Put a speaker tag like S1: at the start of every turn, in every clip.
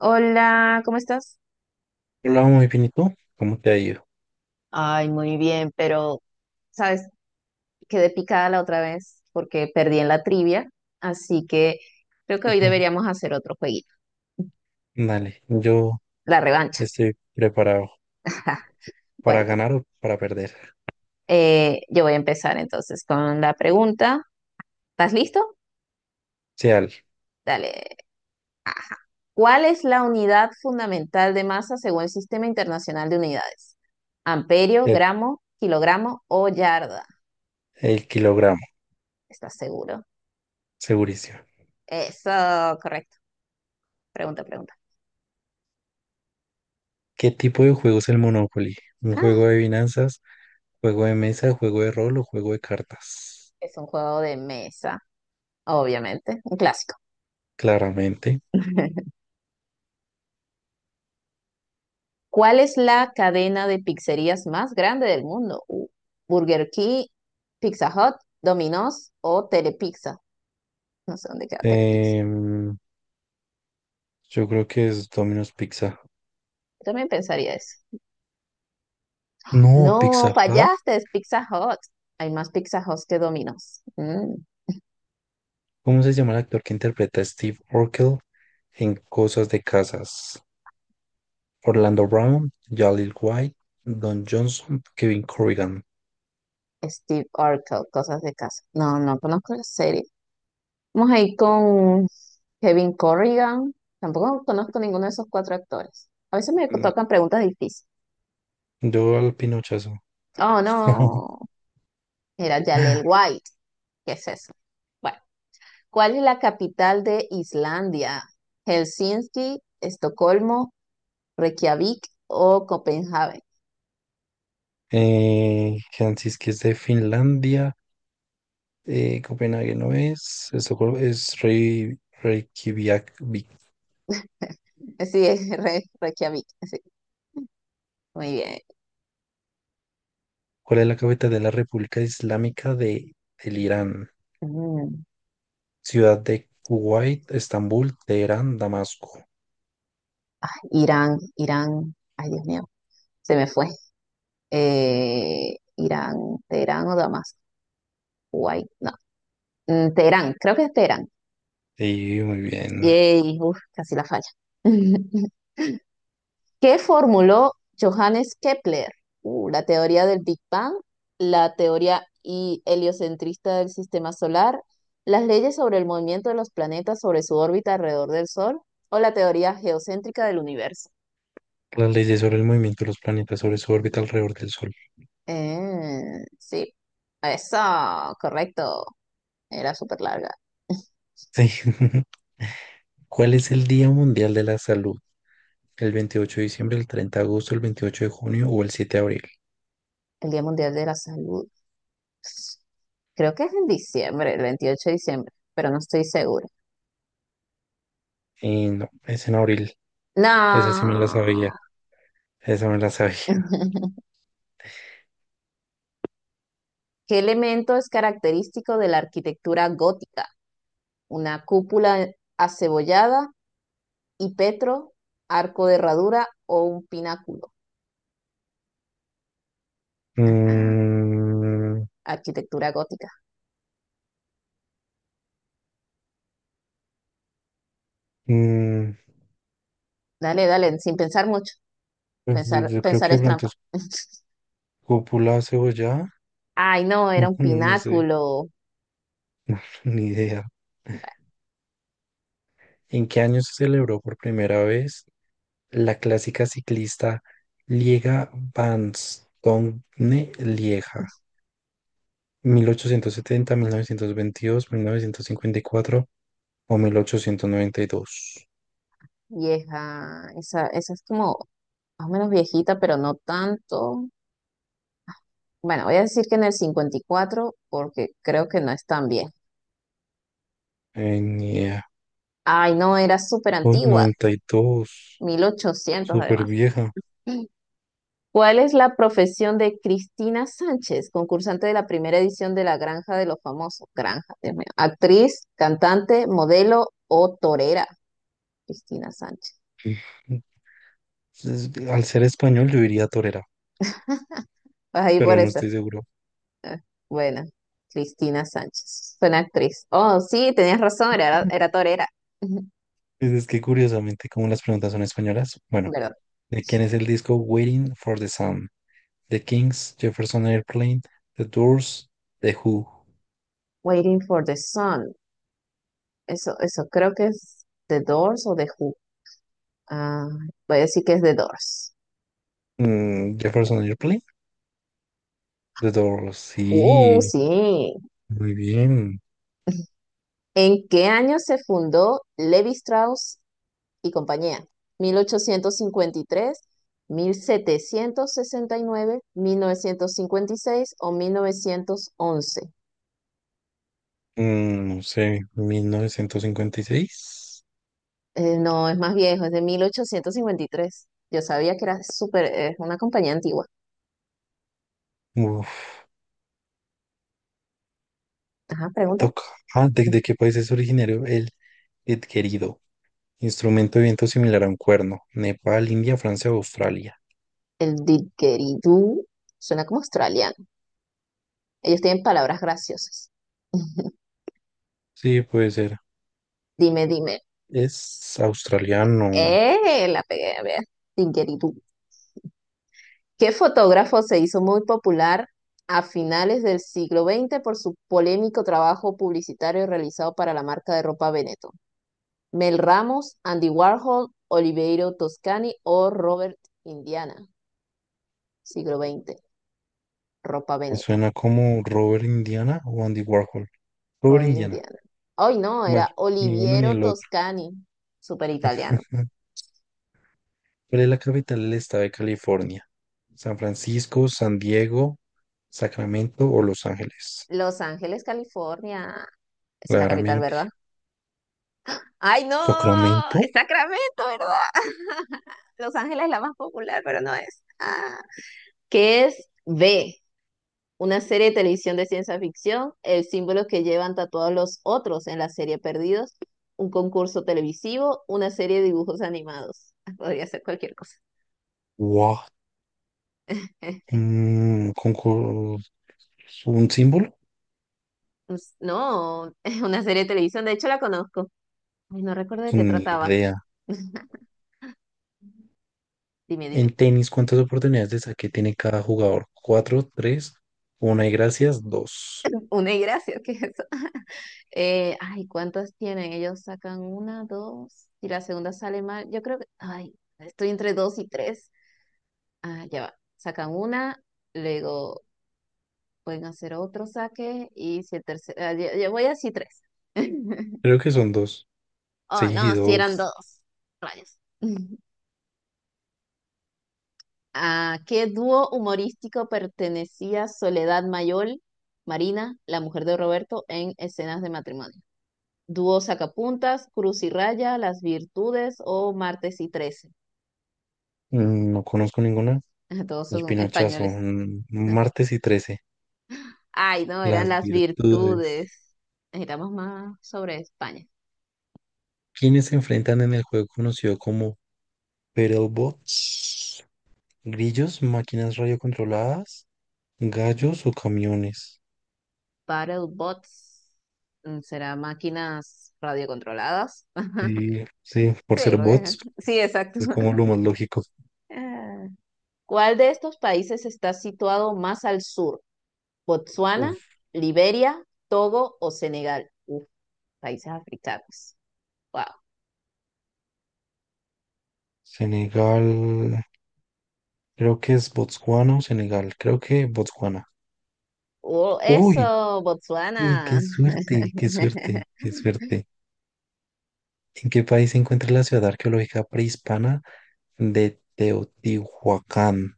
S1: Hola, ¿cómo estás?
S2: Hola, muy bien, ¿y tú? ¿Cómo te ha ido?
S1: Ay, muy bien, pero sabes, quedé picada la otra vez porque perdí en la trivia, así que creo que hoy
S2: Ujú.
S1: deberíamos hacer otro jueguito,
S2: Dale, yo
S1: la revancha.
S2: estoy preparado para
S1: Bueno,
S2: ganar o para perder.
S1: yo voy a empezar entonces con la pregunta. ¿Estás listo?
S2: Sea
S1: Dale. ¿Cuál es la unidad fundamental de masa según el Sistema Internacional de Unidades? ¿Amperio,
S2: el,
S1: gramo, kilogramo o yarda?
S2: el kilogramo,
S1: ¿Estás seguro?
S2: segurísimo.
S1: Eso, correcto. Pregunta, pregunta.
S2: ¿Qué tipo de juego es el Monopoly? ¿Un
S1: Ah,
S2: juego de finanzas, juego de mesa, juego de rol o juego de cartas?
S1: es un juego de mesa, obviamente, un clásico.
S2: Claramente.
S1: ¿Cuál es la cadena de pizzerías más grande del mundo? Burger King, Pizza Hut, Domino's o Telepizza. No sé dónde queda Telepizza.
S2: Em, yo creo que es Domino's Pizza.
S1: Yo también pensaría eso.
S2: No,
S1: No,
S2: Pizza Hut.
S1: fallaste, es Pizza Hut. Hay más Pizza Hut que Domino's. Mm,
S2: ¿Cómo se llama el actor que interpreta a Steve Urkel en Cosas de Casas? Orlando Brown, Jaleel White, Don Johnson, Kevin Corrigan.
S1: Steve Urkel, cosas de casa. No, no conozco la serie. Vamos a ir con Kevin Corrigan. Tampoco conozco ninguno de esos cuatro actores. A veces me
S2: Mm,
S1: tocan preguntas difíciles.
S2: Yo al pinochazo.
S1: Oh, no. Era Jalel White. ¿Qué es eso? Bueno, ¿cuál es la capital de Islandia? ¿Helsinki, Estocolmo, Reykjavik o Copenhague?
S2: Helsinki es de Finlandia. Copenhague no es. Estocolmo es Reykjavik.
S1: Sí, es Reykjavik. Sí, muy bien.
S2: ¿Cuál es la capital de la República Islámica del Irán?
S1: Mm,
S2: Ciudad de Kuwait, Estambul, Teherán, Damasco.
S1: Irán, Irán. Ay, Dios mío, se me fue. Irán, Teherán o Damasco. Guay, no. Mm, Teherán, creo que es Teherán.
S2: Sí, muy bien.
S1: Yay, uf, casi la falla. ¿Qué formuló Johannes Kepler? La teoría del Big Bang, la teoría heliocentrista del sistema solar, las leyes sobre el movimiento de los planetas sobre su órbita alrededor del Sol o la teoría geocéntrica del universo.
S2: Las leyes sobre el movimiento de los planetas sobre su órbita alrededor del Sol.
S1: Sí, eso, correcto. Era súper larga.
S2: Sí. ¿Cuál es el Día Mundial de la Salud? ¿El 28 de diciembre, el 30 de agosto, el 28 de junio o el 7 de abril?
S1: El Día Mundial de la Salud. Creo que es en diciembre, el 28 de diciembre, pero no estoy segura.
S2: Y no, es en abril. Esa sí me la sabía.
S1: No.
S2: Esa me la sabía.
S1: ¿Qué elemento es característico de la arquitectura gótica? ¿Una cúpula acebollada y petro, arco de herradura o un pináculo? Ajá,
S2: Mm,
S1: arquitectura gótica.
S2: mm,
S1: Dale, dale, sin pensar mucho.
S2: pues, yo
S1: Pensar,
S2: yo creo
S1: pensar
S2: que de
S1: es
S2: pronto
S1: trampa.
S2: es cúpula cebollada.
S1: Ay, no, era
S2: No,
S1: un
S2: no, no sé.
S1: pináculo.
S2: Ni idea. ¿En qué año se celebró por primera vez la clásica ciclista Liega Bastogne-Lieja? Mil ochocientos setenta, novecientos veintidós, 1954 o 1892.
S1: Vieja, esa es como más o menos viejita, pero no tanto. Bueno, voy a decir que en el 54, porque creo que no es tan bien.
S2: Ni idea.
S1: Ay, no, era súper
S2: Uy,
S1: antigua,
S2: 92.
S1: 1800
S2: Súper
S1: además.
S2: vieja.
S1: ¿Cuál es la profesión de Cristina Sánchez, concursante de la primera edición de La Granja de los Famosos? Granja, Dios mío. Actriz, cantante, modelo o torera. Cristina Sánchez.
S2: Es- Al ser español yo diría torera,
S1: Vas ahí por
S2: pero no
S1: esa.
S2: estoy seguro.
S1: Ah, bueno, Cristina Sánchez. Suena actriz. Oh, sí, tenías razón, era,
S2: Mm.
S1: era torera.
S2: Es que curiosamente, como las preguntas son españolas, bueno,
S1: ¿Verdad?
S2: ¿de quién es el disco Waiting for the Sun? The Kings, Jefferson Airplane, The Doors, The Who.
S1: Waiting for the Sun. Eso creo que es The Doors o The Who. Ah, voy a decir que es The Doors.
S2: Jefferson Airplane, The Doors, sí,
S1: Sí.
S2: muy bien.
S1: ¿En qué año se fundó Levi Strauss y compañía? Mil ochocientos cincuenta y tres, 1769, 1956 o 1911?
S2: No sé, 1956.
S1: No, es más viejo, es de 1853. Yo sabía que era súper, es una compañía antigua.
S2: Uf,
S1: Ajá, pregunta.
S2: toca. Ah, ¿de qué país es originario el querido instrumento de viento similar a un cuerno? Nepal, India, Francia, o Australia.
S1: El didgeridoo suena como australiano. Ellos tienen palabras graciosas.
S2: Sí, puede ser.
S1: Dime, dime.
S2: Es australiano.
S1: ¡Eh! La pegué, a ver. Didgeridoo. ¿Qué fotógrafo se hizo muy popular a finales del siglo XX por su polémico trabajo publicitario realizado para la marca de ropa Veneto? ¿Mel Ramos, Andy Warhol, Oliveiro Toscani o Robert Indiana? Siglo XX, ropa
S2: Me
S1: Veneto,
S2: suena como Robert Indiana o Andy Warhol. Robert
S1: Robert
S2: Indiana.
S1: Indiana. Ay no,
S2: Bueno,
S1: era
S2: ni uno ni
S1: Oliviero
S2: el otro.
S1: Toscani, súper italiano.
S2: ¿Cuál es la capital del estado de California? San Francisco, San Diego, Sacramento o Los Ángeles.
S1: Los Ángeles, California, esa es la capital, ¿verdad?
S2: Claramente.
S1: Ay, no, es
S2: ¿Sacramento?
S1: Sacramento, ¿verdad? Los Ángeles es la más popular, pero no es. Ah, ¿qué es B? Una serie de televisión de ciencia ficción, el símbolo que llevan tatuados los otros en la serie Perdidos, un concurso televisivo, una serie de dibujos animados. Podría ser cualquier cosa.
S2: Wow. Mm, con, co- un símbolo,
S1: Pues, no, es una serie de televisión, de hecho la conozco. Ay, no recuerdo de qué
S2: ni
S1: trataba.
S2: idea.
S1: Dime, dime.
S2: En tenis, ¿cuántas oportunidades de saque tiene cada jugador? Cuatro, tres, una y gracias, dos.
S1: Una y gracias, ¿qué es eso? Ay, ¿cuántas tienen? Ellos sacan una, dos, y la segunda sale mal. Yo creo que, ay, estoy entre dos y tres. Ah, ya va. Sacan una, luego pueden hacer otro saque, y si el tercero, ah, yo voy así tres.
S2: Creo que son dos.
S1: Oh,
S2: Sí,
S1: no, si eran
S2: dos.
S1: dos. Rayos. ¿A qué dúo humorístico pertenecía Soledad Mayol, Marina, la mujer de Roberto, en Escenas de Matrimonio? ¿Dúo Sacapuntas, Cruz y Raya, Las Virtudes o Martes y Trece?
S2: No conozco ninguna.
S1: Todos
S2: El
S1: son
S2: pinochazo,
S1: españoles.
S2: martes y trece.
S1: Ay, no, eran
S2: Las
S1: las
S2: virtudes.
S1: virtudes. Necesitamos más sobre España.
S2: ¿Quiénes se enfrentan en el juego conocido como Battlebots? ¿Grillos, máquinas radiocontroladas, gallos o camiones?
S1: Battle bots. Mm, ¿Será máquinas radiocontroladas?
S2: Sí, sí, por
S1: Sí,
S2: ser
S1: porque
S2: bots.
S1: sí, exacto.
S2: Es como lo más lógico.
S1: Ah. ¿Cuál de estos países está situado más al sur? ¿Botsuana,
S2: Uf.
S1: Liberia, Togo o Senegal? Uf, países africanos. Wow.
S2: Senegal, creo que es Botswana o Senegal, creo que Botswana.
S1: Oh,
S2: ¡Uy!
S1: eso,
S2: ¡Uy!
S1: Botsuana.
S2: ¡Qué suerte! ¡Qué suerte! ¡Qué suerte! ¿En qué país se encuentra la ciudad arqueológica prehispana de Teotihuacán?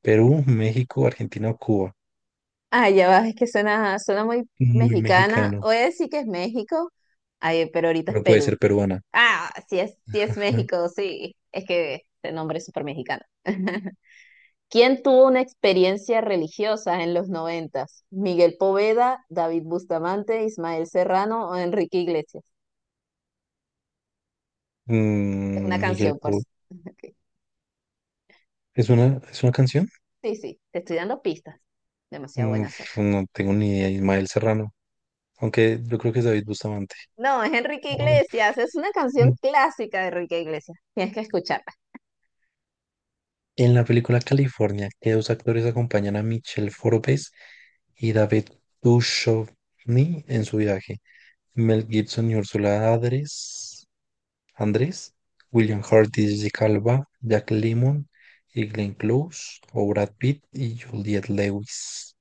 S2: Perú, México, Argentina o Cuba.
S1: Ah, ya va, es que suena, suena muy
S2: Muy
S1: mexicana.
S2: mexicano,
S1: Voy a decir que es México, ay, pero ahorita es
S2: pero puede
S1: Perú.
S2: ser peruana.
S1: Ah, sí es
S2: Ujú.
S1: México, sí. Es que este nombre es súper mexicano. ¿Quién tuvo una experiencia religiosa en los noventas? ¿Miguel Poveda, David Bustamante, Ismael Serrano o Enrique Iglesias? Es una
S2: Miguel
S1: canción, por
S2: Po-
S1: si- Ok.
S2: ¿Es una canción?
S1: Sí, sí, te estoy dando pistas. Demasiado buena soy.
S2: Uf, no tengo ni idea. Ismael Serrano. Aunque yo creo que es David Bustamante.
S1: No, es Enrique Iglesias, es una canción clásica de Enrique Iglesias. Tienes que escuchar.
S2: En la película California, ¿qué dos actores acompañan a Michelle Forbes y David Duchovny en su viaje? Mel Gibson y Ursula Andress, Andrés, William Hurt y Jessica Alba, Jack Lemmon y Glenn Close, o Brad Pitt y Juliette Lewis.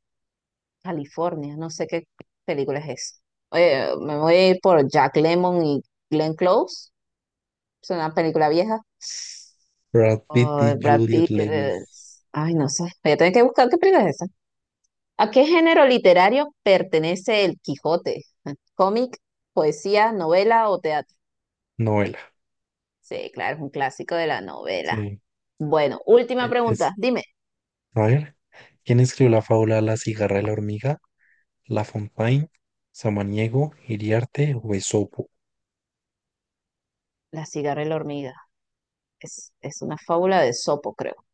S1: California, no sé qué película es esa. Oye, me voy a ir por Jack Lemmon y Glenn Close, es una película vieja.
S2: Brad Pitt
S1: O
S2: y
S1: Brad
S2: Juliette
S1: Pitt,
S2: Lewis.
S1: ay, no sé, voy a tener que buscar qué película es esa. ¿A qué género literario pertenece El Quijote? ¿Cómic, poesía, novela o teatro?
S2: Novela.
S1: Sí, claro, es un clásico de la novela.
S2: Sí.
S1: Bueno, última pregunta,
S2: Es,
S1: dime,
S2: a ver, ¿quién escribió la fábula La cigarra y la hormiga? La Fontaine, Samaniego, Iriarte o Esopo?
S1: la cigarra y la hormiga. Es una fábula de Sopo, creo.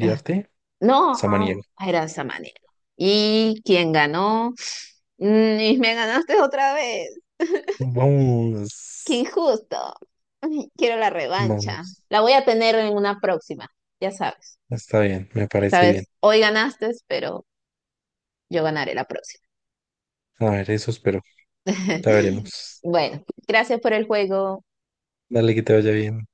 S1: No,
S2: Samaniego.
S1: no, era de esa manera. ¿Y quién ganó? Mm, Y me ganaste otra vez. Qué
S2: Vamos,
S1: injusto. Ay, quiero la revancha.
S2: vamos.
S1: La voy a tener en una próxima, ya sabes.
S2: Está bien, me parece bien.
S1: Sabes, hoy ganaste, pero yo ganaré la próxima.
S2: A ver, eso espero. Ya veremos.
S1: Bueno, gracias por el juego.
S2: Dale que te vaya bien.